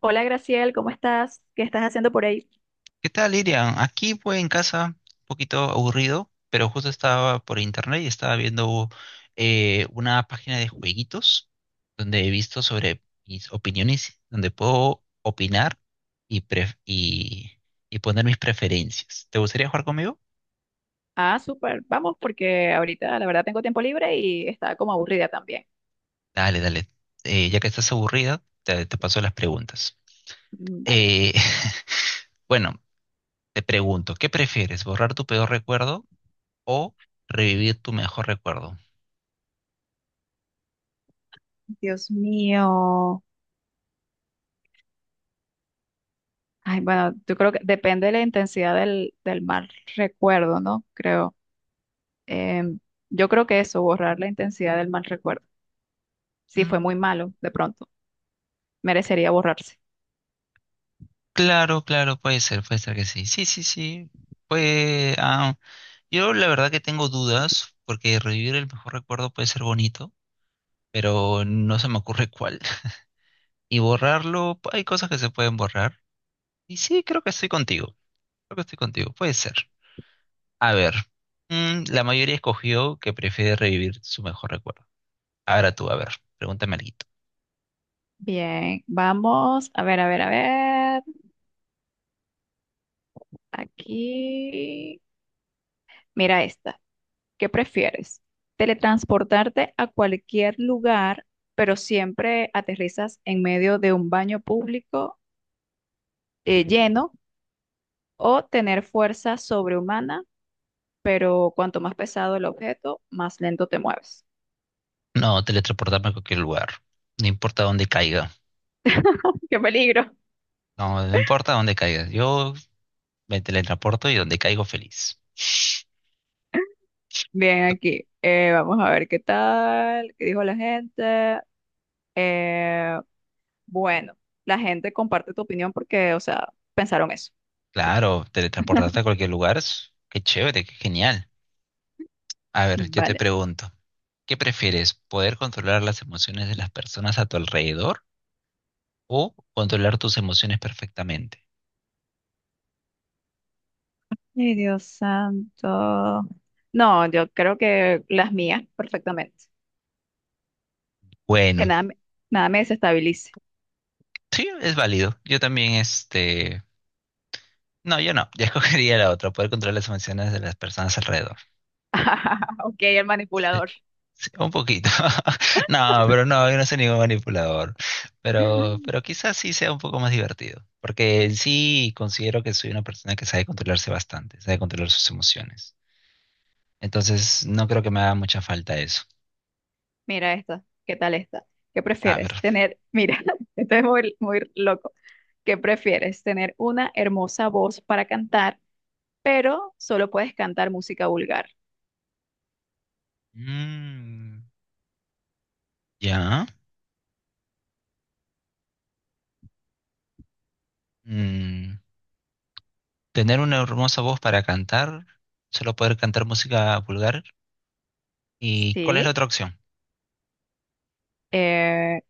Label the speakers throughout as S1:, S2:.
S1: Hola Graciel, ¿cómo estás? ¿Qué estás haciendo por ahí?
S2: ¿Qué tal, Irian? Aquí pues en casa, un poquito aburrido, pero justo estaba por internet y estaba viendo una página de jueguitos donde he visto sobre mis opiniones, donde puedo opinar y, pref- y, y poner mis preferencias. ¿Te gustaría jugar conmigo?
S1: Ah, súper, vamos, porque ahorita la verdad tengo tiempo libre y estaba como aburrida también.
S2: Dale, dale. Ya que estás aburrida, te paso las preguntas.
S1: Mm, vale.
S2: Eh, bueno, te pregunto, ¿qué prefieres? ¿Borrar tu peor recuerdo o revivir tu mejor recuerdo?
S1: Dios mío. Ay, bueno, yo creo que depende de la intensidad del mal recuerdo, ¿no? Creo. Em, yo creo que eso, borrar la intensidad del mal recuerdo. Si fue muy malo, de pronto, merecería borrarse.
S2: Claro, claro, puede ser que sí. Sí, sí, sí. Pues, yo la verdad que tengo dudas, porque revivir el mejor recuerdo puede ser bonito, pero no se me ocurre cuál. Y borrarlo, hay cosas que se pueden borrar. Y sí, creo que estoy contigo. Creo que estoy contigo, puede ser. A ver, la mayoría escogió que prefiere revivir su mejor recuerdo. Ahora tú, a ver, pregúntame algo.
S1: Bien, vamos, a ver, a ver, a ver. Aquí, mira esta. ¿Qué prefieres? ¿Teletransportarte a cualquier lugar, pero siempre aterrizas en medio de un baño público lleno? ¿O tener fuerza sobrehumana, pero cuanto más pesado el objeto, más lento te mueves?
S2: No, teletransportarme a cualquier lugar. No importa dónde caiga.
S1: ¡Qué peligro!
S2: No, no importa dónde caiga. Yo me teletransporto y donde caigo feliz.
S1: Bien, aquí. Vamos a ver qué tal, qué dijo la gente. Eh, bueno, la gente comparte tu opinión porque, o sea, pensaron eso.
S2: Claro, teletransportarte a cualquier lugar, es- qué chévere, qué genial. A ver, yo te
S1: Vale.
S2: pregunto, ¿qué prefieres? ¿Poder controlar las emociones de las personas a tu alrededor o controlar tus emociones perfectamente?
S1: Ay, Dios santo. No, yo creo que las mías perfectamente. Que
S2: Bueno,
S1: nada me, Nada me desestabilice.
S2: sí, es válido. Yo también, este... No, yo no, yo escogería la otra, poder controlar las emociones de las personas alrededor.
S1: Ok, el
S2: Sí.
S1: manipulador.
S2: Sí, un poquito. No, pero no, yo no soy ningún manipulador. Pero quizás sí sea un poco más divertido. Porque en sí considero que soy una persona que sabe controlarse bastante, sabe controlar sus emociones. Entonces, no creo que me haga mucha falta eso.
S1: Mira esta. ¿Qué tal esta? ¿Qué
S2: A
S1: prefieres?
S2: ver.
S1: Tener, mira, esto es muy, muy loco. ¿Qué prefieres? Tener una hermosa voz para cantar, pero solo puedes cantar música vulgar.
S2: Mm, ya. Mm, tener una hermosa voz para cantar, solo poder cantar música vulgar. ¿Y cuál es la
S1: Sí.
S2: otra opción?
S1: Eh,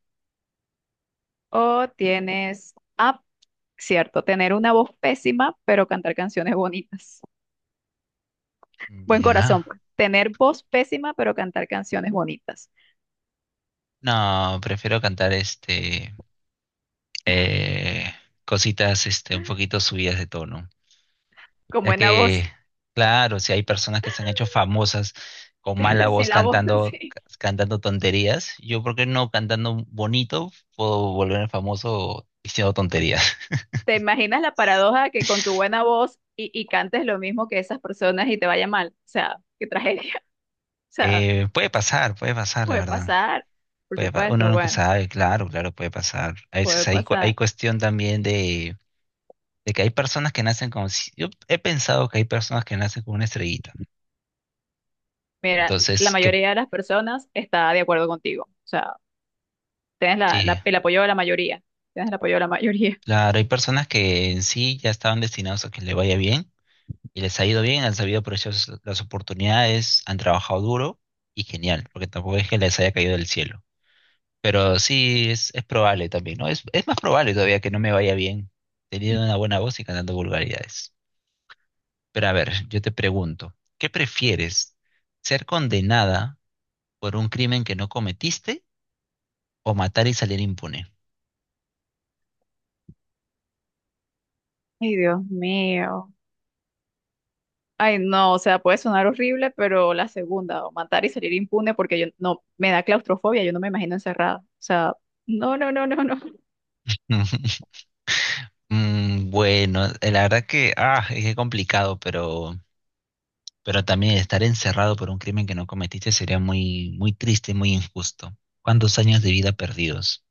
S1: o tienes, ah, cierto, Tener una voz pésima, pero cantar canciones bonitas. Buen corazón,
S2: Ya.
S1: pues. Tener voz pésima, pero cantar canciones bonitas.
S2: No, prefiero cantar este. eh, cositas este, un poquito subidas de tono.
S1: Con
S2: Ya
S1: buena
S2: que,
S1: voz,
S2: claro, si hay personas que se han hecho famosas con mala
S1: sin
S2: voz
S1: la voz,
S2: cantando,
S1: sí.
S2: cantando tonterías, yo, ¿por qué no cantando bonito puedo volverme famoso diciendo tonterías?
S1: ¿Te imaginas la paradoja que con tu buena voz y cantes lo mismo que esas personas y te vaya mal? O sea, qué tragedia. O sea,
S2: Puede pasar, puede pasar, la
S1: puede
S2: verdad.
S1: pasar, por
S2: Puede pa- uno
S1: supuesto,
S2: nunca
S1: bueno,
S2: sabe, claro, claro, puede pasar. A
S1: puede
S2: veces hay, cu- hay
S1: pasar.
S2: cuestión también de que hay personas que nacen con... si- Yo he pensado que hay personas que nacen con una estrellita.
S1: Mira, la
S2: Entonces, que...
S1: mayoría de las personas está de acuerdo contigo. O sea, tienes
S2: Sí,
S1: el apoyo de la mayoría. Tienes el apoyo de la mayoría.
S2: claro, hay personas que en sí ya estaban destinados a que le vaya bien y les ha ido bien, han sabido aprovechar sus- las oportunidades, han trabajado duro y genial, porque tampoco es que les haya caído del cielo. Pero sí es probable también, ¿no? Es más probable todavía que no me vaya bien teniendo una buena voz y cantando vulgaridades. Pero a ver, yo te pregunto, ¿qué prefieres? ¿Ser condenada por un crimen que no cometiste o matar y salir impune?
S1: Ay, Dios mío. Ay, no, o sea, puede sonar horrible, pero la segunda, o matar y salir impune, porque yo no, me da claustrofobia, yo no me imagino encerrada. O sea, no, no, no, no, no.
S2: Bueno, la verdad que, es que complicado, pero también estar encerrado por un crimen que no cometiste sería muy, muy triste, muy injusto. ¿Cuántos años de vida perdidos?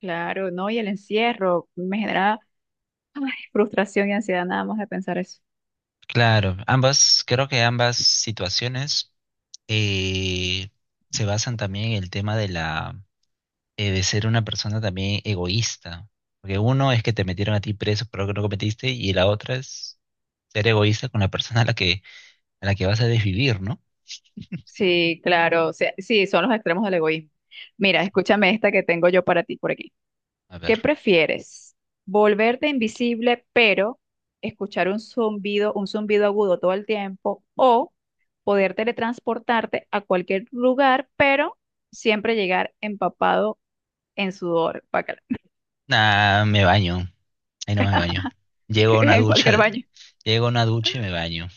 S1: Claro, no, y el encierro me genera, ay, frustración y ansiedad nada más de pensar eso.
S2: Claro, ambas, creo que ambas situaciones eh, se basan también en el tema de la de ser una persona también egoísta. Porque uno es que te metieron a ti preso por algo que no cometiste, y la otra es ser egoísta con la persona a la que vas a desvivir, ¿no?
S1: Sí, claro, o sea, sí, son los extremos del egoísmo. Mira, escúchame esta que tengo yo para ti por aquí.
S2: A ver.
S1: ¿Qué prefieres? ¿Volverte invisible, pero escuchar un zumbido agudo todo el tiempo? ¿O poder teletransportarte a cualquier lugar, pero siempre llegar empapado en sudor, guácala,
S2: Nah, me baño. Ahí no me baño. Llego a una
S1: en
S2: ducha,
S1: cualquier baño,
S2: llego a una ducha y me baño.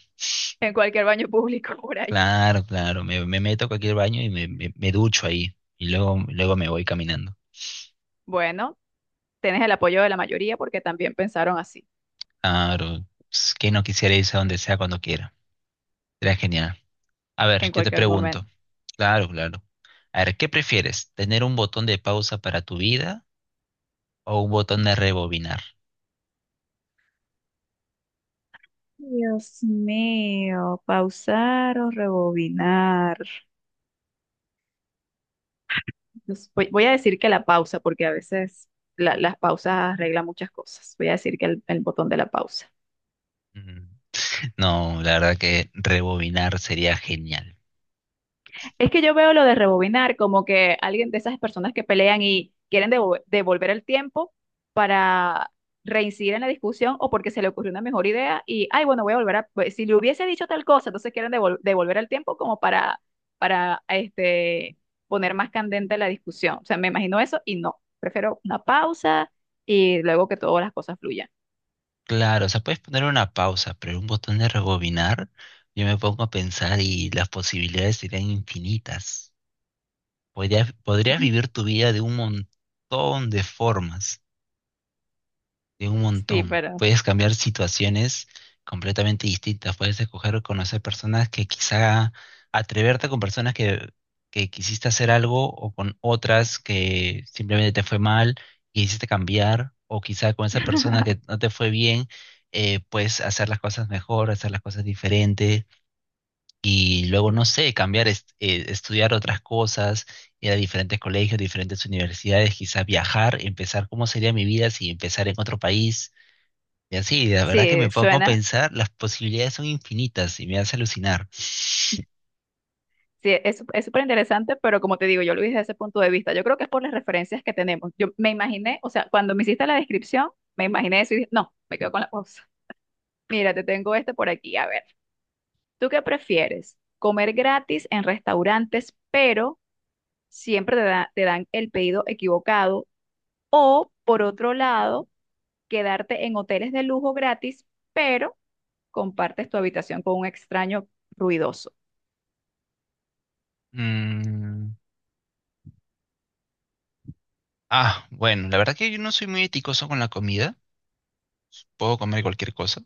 S1: en cualquier baño público por ahí?
S2: Claro, claro, me meto a cualquier baño y me ducho ahí y luego, luego me voy caminando.
S1: Bueno, tienes el apoyo de la mayoría porque también pensaron así,
S2: Claro, es que no quisiera irse a donde sea cuando quiera. Sería genial. A ver,
S1: en
S2: yo te
S1: cualquier
S2: pregunto.
S1: momento.
S2: Claro, claro. A ver, ¿qué prefieres? ¿Tener un botón de pausa para tu vida o un botón de rebobinar?
S1: Dios mío, pausar o rebobinar. Entonces, voy a decir que la pausa, porque a veces las pausas arreglan muchas cosas. Voy a decir que el botón de la pausa.
S2: Mm, No, la verdad que rebobinar sería genial.
S1: Es que yo veo lo de rebobinar como que alguien de esas personas que pelean y quieren devolver el tiempo para reincidir en la discusión o porque se le ocurrió una mejor idea y, ay, bueno, voy a volver a, pues, si le hubiese dicho tal cosa, entonces quieren devolver el tiempo como para, para, este, poner más candente la discusión. O sea, me imagino eso y no. Prefiero una pausa y luego que todas las cosas fluyan.
S2: Claro, o sea, puedes poner una pausa, pero un botón de rebobinar, yo me pongo a pensar y las posibilidades serían infinitas. Podrías vivir tu vida de un montón de formas, de un
S1: Sí,
S2: montón.
S1: pero
S2: Puedes cambiar situaciones completamente distintas, puedes escoger conocer personas que quizá atreverte con personas que quisiste hacer algo o con otras que simplemente te fue mal y quisiste cambiar, o quizá con esa persona que no te fue bien, puedes hacer las cosas mejor, hacer las cosas diferentes y luego, no sé, cambiar, estudiar otras cosas, ir a diferentes colegios, diferentes universidades, quizás viajar, empezar cómo sería mi vida si empezar en otro país. Y así, la verdad que me
S1: sí,
S2: puedo
S1: suena,
S2: pensar, las posibilidades son infinitas y me hace alucinar.
S1: sí, es súper interesante, pero como te digo, yo lo vi desde ese punto de vista. Yo creo que es por las referencias que tenemos. Yo me imaginé, o sea, cuando me hiciste la descripción, me imaginé eso y dije, no, me quedo con la cosa. Mira, te tengo este por aquí. A ver, ¿tú qué prefieres? ¿Comer gratis en restaurantes, pero siempre te dan el pedido equivocado? O, por otro lado, quedarte en hoteles de lujo gratis, pero compartes tu habitación con un extraño ruidoso.
S2: Mm, bueno, la verdad que yo no soy muy eticoso con la comida, puedo comer cualquier cosa,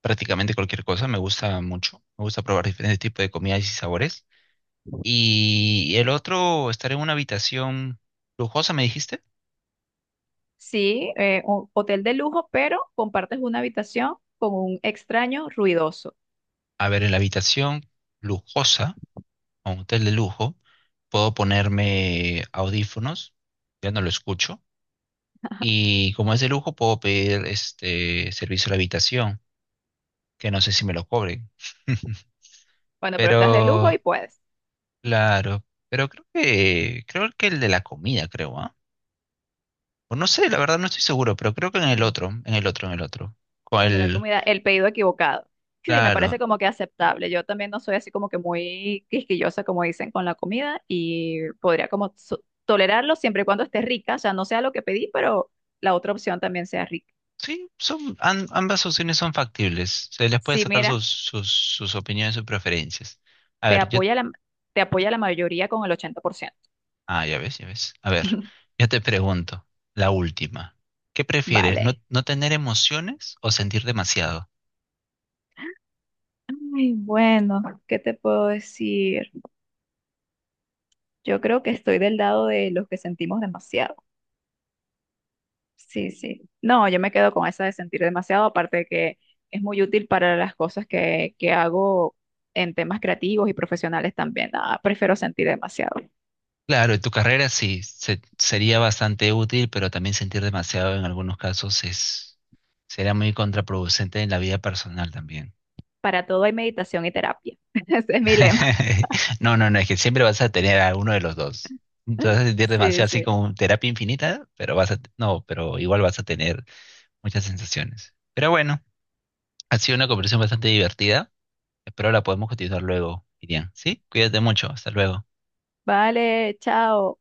S2: prácticamente cualquier cosa, me gusta mucho, me gusta probar diferentes tipos de comidas y sabores. Y el otro, estar en una habitación lujosa, ¿me dijiste?
S1: Sí, un hotel de lujo, pero compartes una habitación con un extraño ruidoso.
S2: A ver, en la habitación lujosa, a un hotel de lujo, puedo ponerme audífonos, ya no lo escucho. Y como es de lujo, puedo pedir este servicio a la habitación, que no sé si me lo cobren.
S1: Bueno, pero estás de lujo y
S2: Pero,
S1: puedes
S2: claro, pero creo que el de la comida, creo, ¿ah? O no sé, la verdad no estoy seguro, pero creo que en el otro, en el otro, en el otro. Con
S1: vender
S2: el,
S1: comida, el pedido equivocado. Sí, me parece
S2: claro,
S1: como que aceptable. Yo también no soy así como que muy quisquillosa, como dicen, con la comida y podría como tolerarlo siempre y cuando esté rica, o sea, no sea lo que pedí, pero la otra opción también sea rica.
S2: sí, son, am- ambas opciones son factibles. Se les puede
S1: Sí,
S2: sacar
S1: mira,
S2: sus, sus, sus opiniones, sus preferencias. A
S1: te
S2: ver, yo...
S1: apoya la, te apoya la mayoría con el 80%.
S2: Ah, ya ves, ya ves. A ver, yo te pregunto, la última. ¿Qué prefieres, no,
S1: Vale.
S2: no tener emociones o sentir demasiado?
S1: Ay, bueno, ¿qué te puedo decir? Yo creo que estoy del lado de los que sentimos demasiado. Sí, sí. No, yo me quedo con esa de sentir demasiado, aparte de que es muy útil para las cosas que hago en temas creativos y profesionales también. Ah, prefiero sentir demasiado.
S2: Claro, en tu carrera sí, se- sería bastante útil, pero también sentir demasiado en algunos casos es, será muy contraproducente en la vida personal también.
S1: Para todo hay meditación y terapia. Ese es mi lema.
S2: No, no, no, es que siempre vas a tener a uno de los dos. Te vas a sentir
S1: Sí,
S2: demasiado así
S1: sí.
S2: como terapia infinita, pero vas a, no, pero igual vas a tener muchas sensaciones. Pero bueno, ha sido una conversación bastante divertida. Espero la podemos continuar luego, Irian. ¿Sí? Cuídate mucho. Hasta luego.
S1: Vale, chao.